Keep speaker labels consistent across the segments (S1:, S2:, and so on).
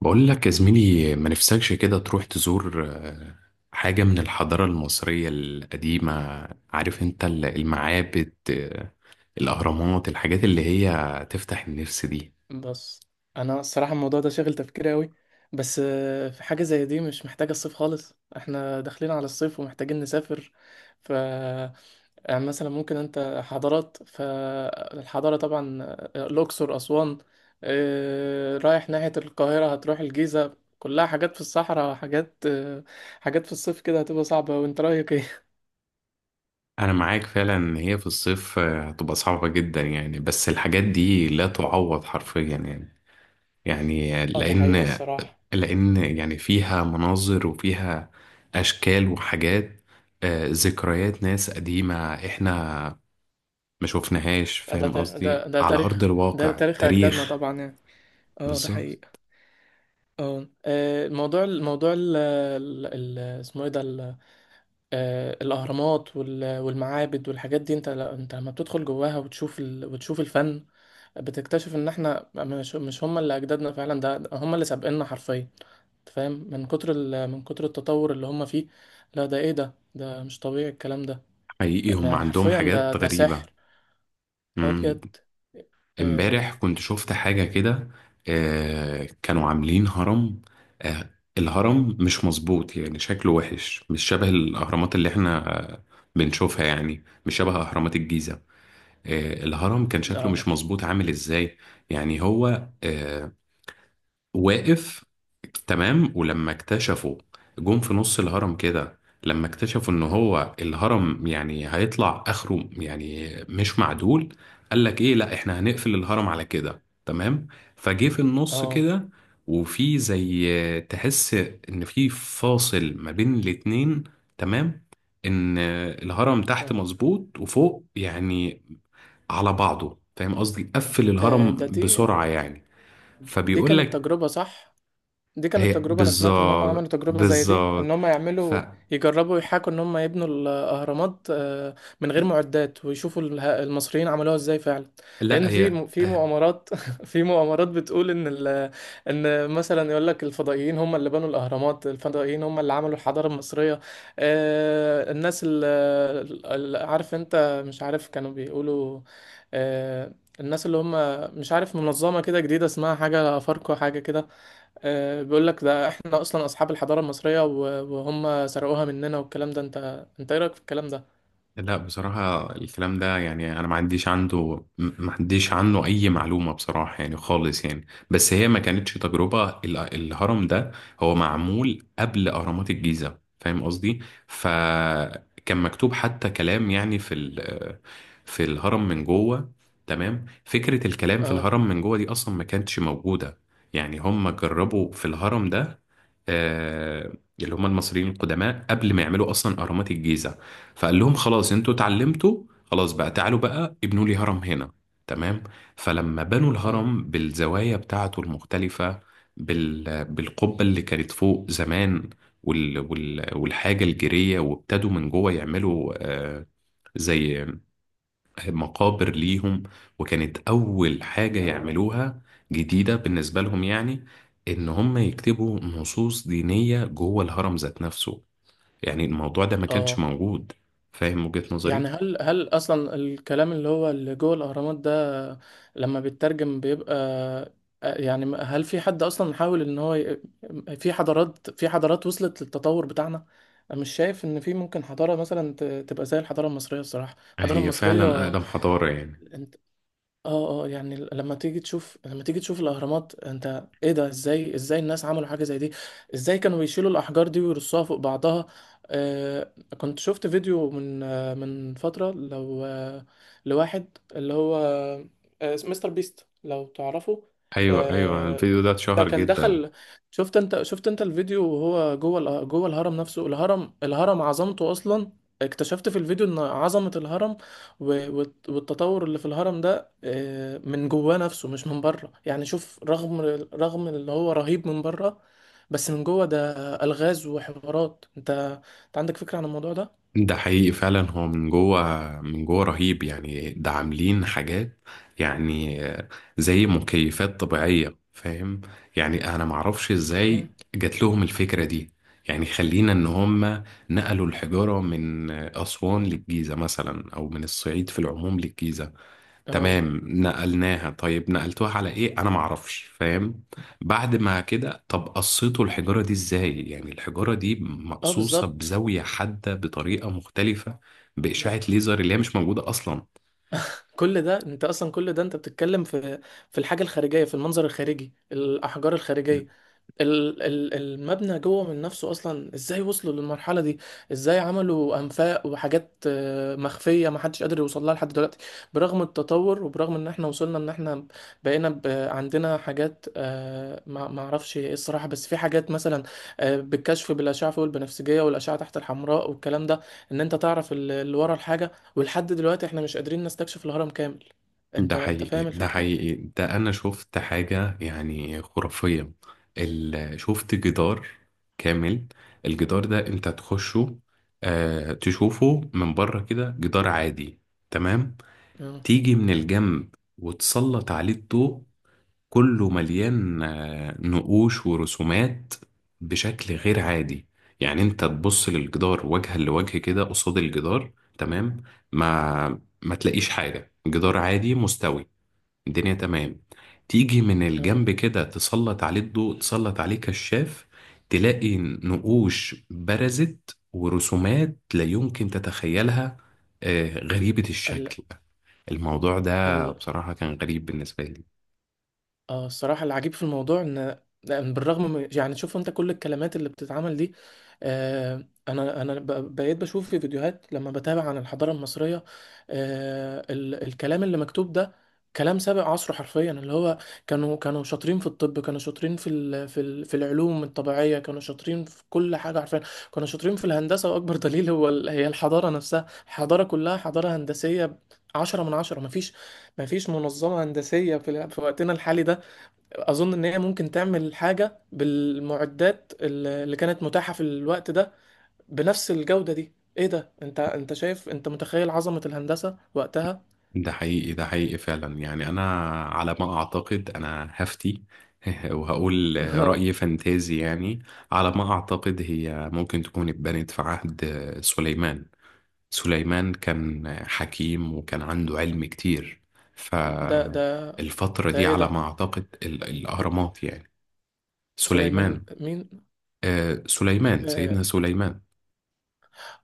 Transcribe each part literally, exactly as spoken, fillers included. S1: بقول لك يا زميلي، ما نفسكش كده تروح تزور آه، حاجة من الحضارة المصرية القديمة. عارف انت ال- المعابد، آه، الأهرامات، الحاجات اللي هي تفتح النفس دي.
S2: بس انا الصراحه الموضوع ده شاغل تفكيري قوي. بس آه، في حاجه زي دي مش محتاجه الصيف خالص، احنا داخلين على الصيف ومحتاجين نسافر. ف يعني مثلا ممكن انت حضارات فالحضاره طبعا، آه، الاقصر اسوان. آه، رايح ناحيه القاهره، هتروح الجيزه كلها، حاجات في الصحراء، حاجات آه، حاجات في الصيف كده هتبقى صعبه، وانت رايك ايه؟
S1: أنا معاك فعلا إن هي في الصيف آه، هتبقى صعبة جدا يعني، بس الحاجات دي لا تعوض حرفيا يعني. يعني
S2: اه، دي حقيقه
S1: لأن
S2: الصراحه.
S1: لأن يعني فيها مناظر، وفيها أشكال وحاجات، آه، ذكريات ناس قديمة احنا ما شفناهاش.
S2: آه، ده
S1: فاهم
S2: تار-
S1: قصدي؟
S2: ده ده
S1: على أرض
S2: تاريخ، ده
S1: الواقع
S2: تاريخ اجدادنا
S1: تاريخ.
S2: طبعا يعني، اه ده
S1: بالظبط.
S2: حقيقي. اه آه، الموضوع الموضوع ال ال- ال- اسمه ايه ده ال- آه، الاهرامات وال- والمعابد والحاجات دي، انت ل- انت لما بتدخل جواها وتشوف ال وتشوف الفن. بتكتشف ان احنا مش مش هم اللي اجدادنا فعلا، ده ده هم اللي سابقنا حرفيا. أنت فاهم، من كتر ال من كتر التطور اللي هم فيه. لا، ده ايه ده، ده مش طبيعي الكلام ده.
S1: حقيقي هم
S2: يعني
S1: عندهم
S2: حرفيا ده
S1: حاجات
S2: ده
S1: غريبة.
S2: سحر. اه
S1: مم.
S2: بجد. آه،
S1: امبارح كنت شفت حاجة كده. آه كانوا عاملين هرم. آه الهرم مش مظبوط، يعني شكله وحش، مش شبه الأهرامات اللي احنا آه بنشوفها، يعني مش شبه أهرامات الجيزة. آه الهرم كان شكله مش
S2: ده
S1: مظبوط، عامل ازاي؟ يعني هو آه واقف. تمام. ولما اكتشفوا، جم في نص الهرم كده، لما اكتشفوا ان هو الهرم يعني هيطلع اخره يعني مش معدول. قال لك ايه، لا احنا هنقفل الهرم على كده، تمام، فجه في النص
S2: اه
S1: كده. وفي زي تحس ان في فاصل ما بين الاتنين. تمام، ان الهرم تحت
S2: آه.
S1: مظبوط وفوق يعني على بعضه. فاهم قصدي؟ قفل
S2: آه،
S1: الهرم
S2: ده دي
S1: بسرعة يعني.
S2: دي
S1: فبيقول
S2: كانت
S1: لك،
S2: تجربة، صح؟ دي
S1: هي
S2: كانت تجربة، أنا سمعت إن هم عملوا
S1: بالظبط
S2: تجربة زي دي
S1: بالظبط.
S2: إن هم يعملوا
S1: فلا
S2: يجربوا يحاكوا إن هم يبنوا الأهرامات آه، من غير معدات، ويشوفوا اله- المصريين عملوها إزاي فعلا. لأن
S1: هي
S2: في م- في
S1: آه،
S2: مؤامرات في مؤامرات بتقول إن ال- إن مثلا يقول لك الفضائيين هم اللي بنوا الأهرامات، الفضائيين هم اللي عملوا الحضارة المصرية. آه، الناس اللي عارف أنت مش عارف كانوا بيقولوا، آه، الناس اللي هم مش عارف منظمة كده جديدة اسمها حاجة أفاركو حاجة كده. آه، بيقول لك ده احنا اصلا اصحاب الحضاره المصريه و- وهم سرقوها مننا والكلام ده، انت انت ايه رايك في الكلام ده؟
S1: لا بصراحة الكلام ده يعني أنا ما عنديش عنده ما عنديش عنه أي معلومة بصراحة يعني، خالص يعني. بس هي ما كانتش تجربة ال- الهرم ده هو معمول قبل أهرامات الجيزة، فاهم قصدي؟ فكان مكتوب حتى كلام يعني في ال- في الهرم من جوه. تمام، فكرة الكلام في
S2: اه
S1: الهرم من جوه دي أصلا ما كانتش موجودة. يعني هم جربوا في الهرم ده، آه، اللي هم المصريين القدماء، قبل ما يعملوا أصلا أهرامات الجيزة. فقال لهم خلاص انتوا اتعلمتوا، خلاص بقى تعالوا بقى ابنوا لي هرم هنا. تمام. فلما بنوا
S2: اه،
S1: الهرم بالزوايا بتاعته المختلفة، بال... بالقبة اللي كانت فوق زمان، وال... وال... والحاجة الجيرية، وابتدوا من جوه يعملوا آه، زي مقابر ليهم. وكانت أول حاجة يعملوها جديدة بالنسبة لهم، يعني إن هم يكتبوا نصوص دينية جوه الهرم ذات نفسه. يعني الموضوع ده ما كانش
S2: اه
S1: موجود، فاهم وجهة نظري؟
S2: يعني هل هل اصلا الكلام اللي هو اللي جوه الاهرامات ده لما بيترجم بيبقى آه، يعني هل في حد اصلا حاول ان هو ي... في حضارات، في حضارات وصلت للتطور بتاعنا. أنا مش شايف ان في ممكن حضاره مثلا ت- تبقى زي الحضاره المصريه، الصراحه الحضاره
S1: هي فعلا
S2: المصريه.
S1: أقدم حضارة يعني.
S2: اه اه، يعني ال- لما تيجي تشوف، لما تيجي تشوف الاهرامات، انت ايه ده، ازاي، ازاي الناس عملوا حاجه زي دي، ازاي كانوا بيشيلوا الاحجار دي ويرصوها فوق بعضها. آه كنت شفت فيديو من آه من فتره، لو آه لواحد اللي هو آه مستر بيست، لو تعرفه.
S1: أيوة، أيوة،
S2: آه،
S1: الفيديو ده
S2: ده
S1: اتشهر
S2: كان
S1: جدا.
S2: دخل، شفت انت، شفت انت الفيديو وهو جوه الأ- جوه الهرم نفسه، الهرم الهرم عظمته اصلا. اكتشفت في الفيديو ان عظمه الهرم و- والت- والتطور اللي في الهرم ده آه، من جواه نفسه مش من بره، يعني شوف، رغم رغم اللي هو رهيب من بره، بس من جوه ده ألغاز وحوارات، انت انت عندك فكرة عن الموضوع ده؟
S1: ده حقيقي فعلا. هو من جوه من جوه رهيب يعني، ده عاملين حاجات، يعني زي مكيفات طبيعية، فاهم؟ يعني أنا معرفش
S2: اه
S1: إزاي جات لهم الفكرة دي. يعني خلينا إن هم نقلوا الحجارة من أسوان للجيزة مثلا، أو من الصعيد في العموم للجيزة.
S2: اه،
S1: تمام نقلناها، طيب نقلتوها على ايه؟ انا معرفش، فاهم؟ بعد ما كده، طب قصيتوا الحجارة دي ازاي؟ يعني الحجارة دي
S2: آه،
S1: مقصوصة
S2: بالظبط.
S1: بزاوية حادة بطريقة مختلفة، بإشعة ليزر اللي هي مش موجودة أصلا.
S2: كل ده انت اصلا، كل ده انت بتتكلم في في الحاجه الخارجيه، في المنظر الخارجي الاحجار الخارجيه، ال- ال- المبنى جوه من نفسه، اصلا ازاي وصلوا للمرحله دي، ازاي عملوا انفاق وحاجات آه، مخفيه، ما حدش قادر يوصل لها لحد دلوقتي. برغم التطور وبرغم ان احنا وصلنا ان احنا بقينا ب- عندنا حاجات آه، ما ما اعرفش ايه الصراحه، بس في حاجات مثلا آه، بالكشف بالاشعه فوق البنفسجيه والاشعه تحت الحمراء والكلام ده، ان انت تعرف ال- اللي ورا الحاجه، ولحد دلوقتي احنا مش قادرين نستكشف الهرم كامل،
S1: ده
S2: انت انت
S1: حقيقي،
S2: فاهم
S1: ده
S2: الفكرة؟
S1: حقيقي، ده أنا شفت حاجة يعني خرافية. ال... شفت جدار كامل، الجدار ده أنت تخشه، آه تشوفه من بره كده جدار عادي. تمام،
S2: اه
S1: تيجي من الجنب وتسلط عليه الضوء، كله مليان آه، نقوش ورسومات بشكل غير عادي. يعني انت تبص للجدار وجها لوجه كده قصاد الجدار، تمام، ما ما تلاقيش حاجة، جدار عادي مستوي الدنيا. تمام، تيجي من
S2: اه،
S1: الجنب كده تسلط عليه الضوء، تسلط عليه كشاف، تلاقي نقوش برزت ورسومات لا يمكن تتخيلها، آه، غريبة
S2: ال...
S1: الشكل. الموضوع ده
S2: ال...
S1: بصراحة كان غريب بالنسبة لي.
S2: اه الصراحة العجيب في الموضوع ان، لأن بالرغم من، يعني شوف انت كل الكلمات اللي بتتعمل دي. آه انا انا ب- بقيت بشوف في فيديوهات لما بتابع عن الحضارة المصرية، آه ال الكلام اللي مكتوب ده، كلام سابق عصره حرفيا، اللي هو كانوا كانوا شاطرين في الطب، كانوا شاطرين في ال في ال في العلوم الطبيعية، كانوا شاطرين في كل حاجة حرفيا، كانوا شاطرين في الهندسة، واكبر دليل هو ال هي الحضارة نفسها، الحضارة كلها حضارة هندسية، عشرة من عشرة. مفيش مفيش منظمة هندسية في, ال- في وقتنا الحالي ده اظن ان هي ممكن تعمل حاجه بالمعدات اللي اللي كانت متاحه في الوقت ده بنفس الجوده دي، ايه ده، انت انت شايف، انت متخيل عظمه الهندسه وقتها؟
S1: ده حقيقي، ده حقيقي فعلا يعني. أنا على ما أعتقد، أنا هفتي وهقول رأي فانتازي يعني، على ما أعتقد هي ممكن تكون اتبنت في عهد سليمان. سليمان كان حكيم وكان عنده علم كتير،
S2: ده ده
S1: فالفترة
S2: ده
S1: دي
S2: ايه
S1: على
S2: ده،
S1: ما أعتقد ال- الأهرامات يعني.
S2: سليمان
S1: سليمان،
S2: مين؟
S1: آه سليمان
S2: اه
S1: سيدنا سليمان.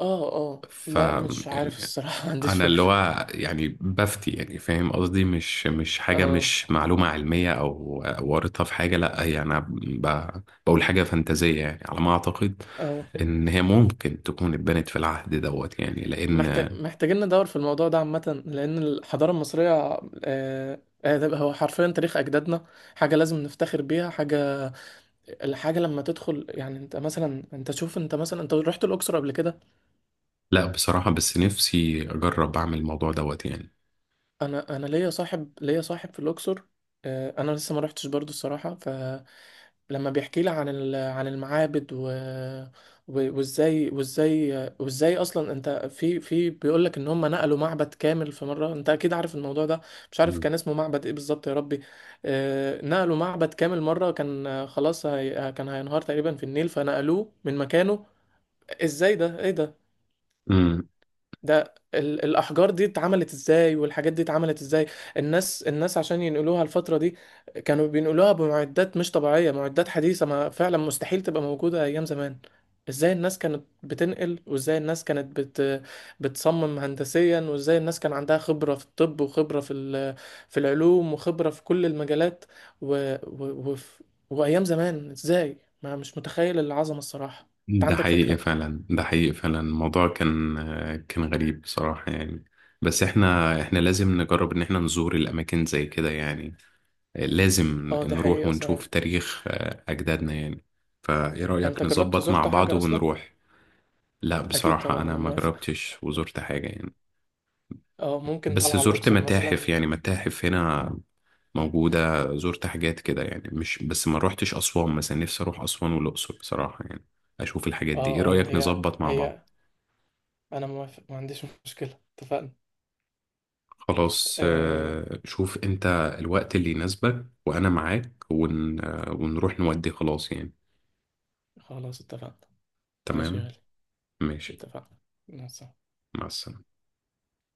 S2: اه آه.
S1: ف،
S2: ما مش عارف
S1: يعني
S2: الصراحه ما عنديش
S1: أنا اللي
S2: فكره.
S1: هو يعني بفتي يعني، فاهم قصدي، مش مش حاجة،
S2: اه
S1: مش معلومة علمية أو وارطة في حاجة. لأ هي أنا ب- بقول حاجة فانتازية يعني، على ما أعتقد
S2: اه،
S1: إن هي ممكن تكون اتبنت في العهد دوت يعني،
S2: محتاج
S1: لأن...
S2: محتاجين ندور في الموضوع ده عامه، لان الحضاره المصريه آه آه، ده هو حرفيا تاريخ اجدادنا، حاجه لازم نفتخر بيها، حاجه الحاجة لما تدخل، يعني انت مثلا، انت شوف انت مثلا انت رحت الأقصر قبل كده؟
S1: لا بصراحة، بس نفسي أجرب أعمل الموضوع دوت يعني.
S2: انا انا ليا صاحب ليا صاحب في الأقصر، آه، انا لسه ما رحتش برضو الصراحة، فلما بيحكي لي عن ال- عن المعابد و و- وازاي وازاي وازاي اصلا انت في في بيقول لك ان هم نقلوا معبد كامل في مرة، انت اكيد عارف الموضوع ده، مش عارف
S1: مم.
S2: كان اسمه معبد ايه بالظبط يا ربي. آه، نقلوا معبد كامل مرة، كان آه، خلاص هي- كان هينهار تقريبا في النيل فنقلوه من مكانه، ازاي ده، ايه ده،
S1: امم
S2: ده ال- الأحجار دي اتعملت ازاي، والحاجات دي اتعملت ازاي، الناس الناس عشان ينقلوها الفترة دي كانوا بينقلوها بمعدات مش طبيعية، معدات حديثة ما فعلا مستحيل تبقى موجودة أيام زمان. ازاي الناس كانت بتنقل، وازاي الناس كانت بت... بتصمم هندسيا، وازاي الناس كان عندها خبرة في الطب وخبرة في ال... في العلوم وخبرة في كل المجالات، و... و... وف... وأيام زمان ازاي، ما مش متخيل العظمة الصراحة، انت
S1: ده
S2: عندك
S1: حقيقي
S2: فكرة؟
S1: فعلا، ده حقيقي فعلا، الموضوع كان كان غريب بصراحة يعني. بس احنا احنا لازم نجرب ان احنا نزور الأماكن زي كده يعني، لازم
S2: اه، دي
S1: نروح
S2: حقيقة
S1: ونشوف
S2: صراحة،
S1: تاريخ آه، أجدادنا يعني. فإيه
S2: انت
S1: رأيك
S2: جربت
S1: نظبط مع
S2: زرت
S1: بعض
S2: حاجة اصلا؟
S1: ونروح؟ لا
S2: اكيد
S1: بصراحة
S2: طبعا،
S1: أنا
S2: انا
S1: ما
S2: موافق،
S1: جربتش وزرت حاجة يعني،
S2: اه ممكن
S1: بس
S2: طالعه على
S1: زرت
S2: الاقصر
S1: متاحف
S2: مثلا.
S1: يعني، متاحف هنا موجودة، زرت حاجات كده يعني، مش بس ما روحتش أسوان مثلا. نفسي أروح أسوان والأقصر بصراحة يعني، أشوف الحاجات
S2: اه
S1: دي. إيه
S2: اه،
S1: رأيك
S2: هي
S1: نظبط مع بعض؟
S2: هي انا موافق ما عنديش مشكله، اتفقنا،
S1: خلاص،
S2: آه
S1: آه، شوف أنت الوقت اللي يناسبك وأنا معاك، ون... آه، ونروح نودي خلاص يعني.
S2: خلاص اتفقنا، ماشي يا
S1: تمام،
S2: غالي،
S1: ماشي،
S2: اتفقنا. مع السلامة.
S1: مع السلامة.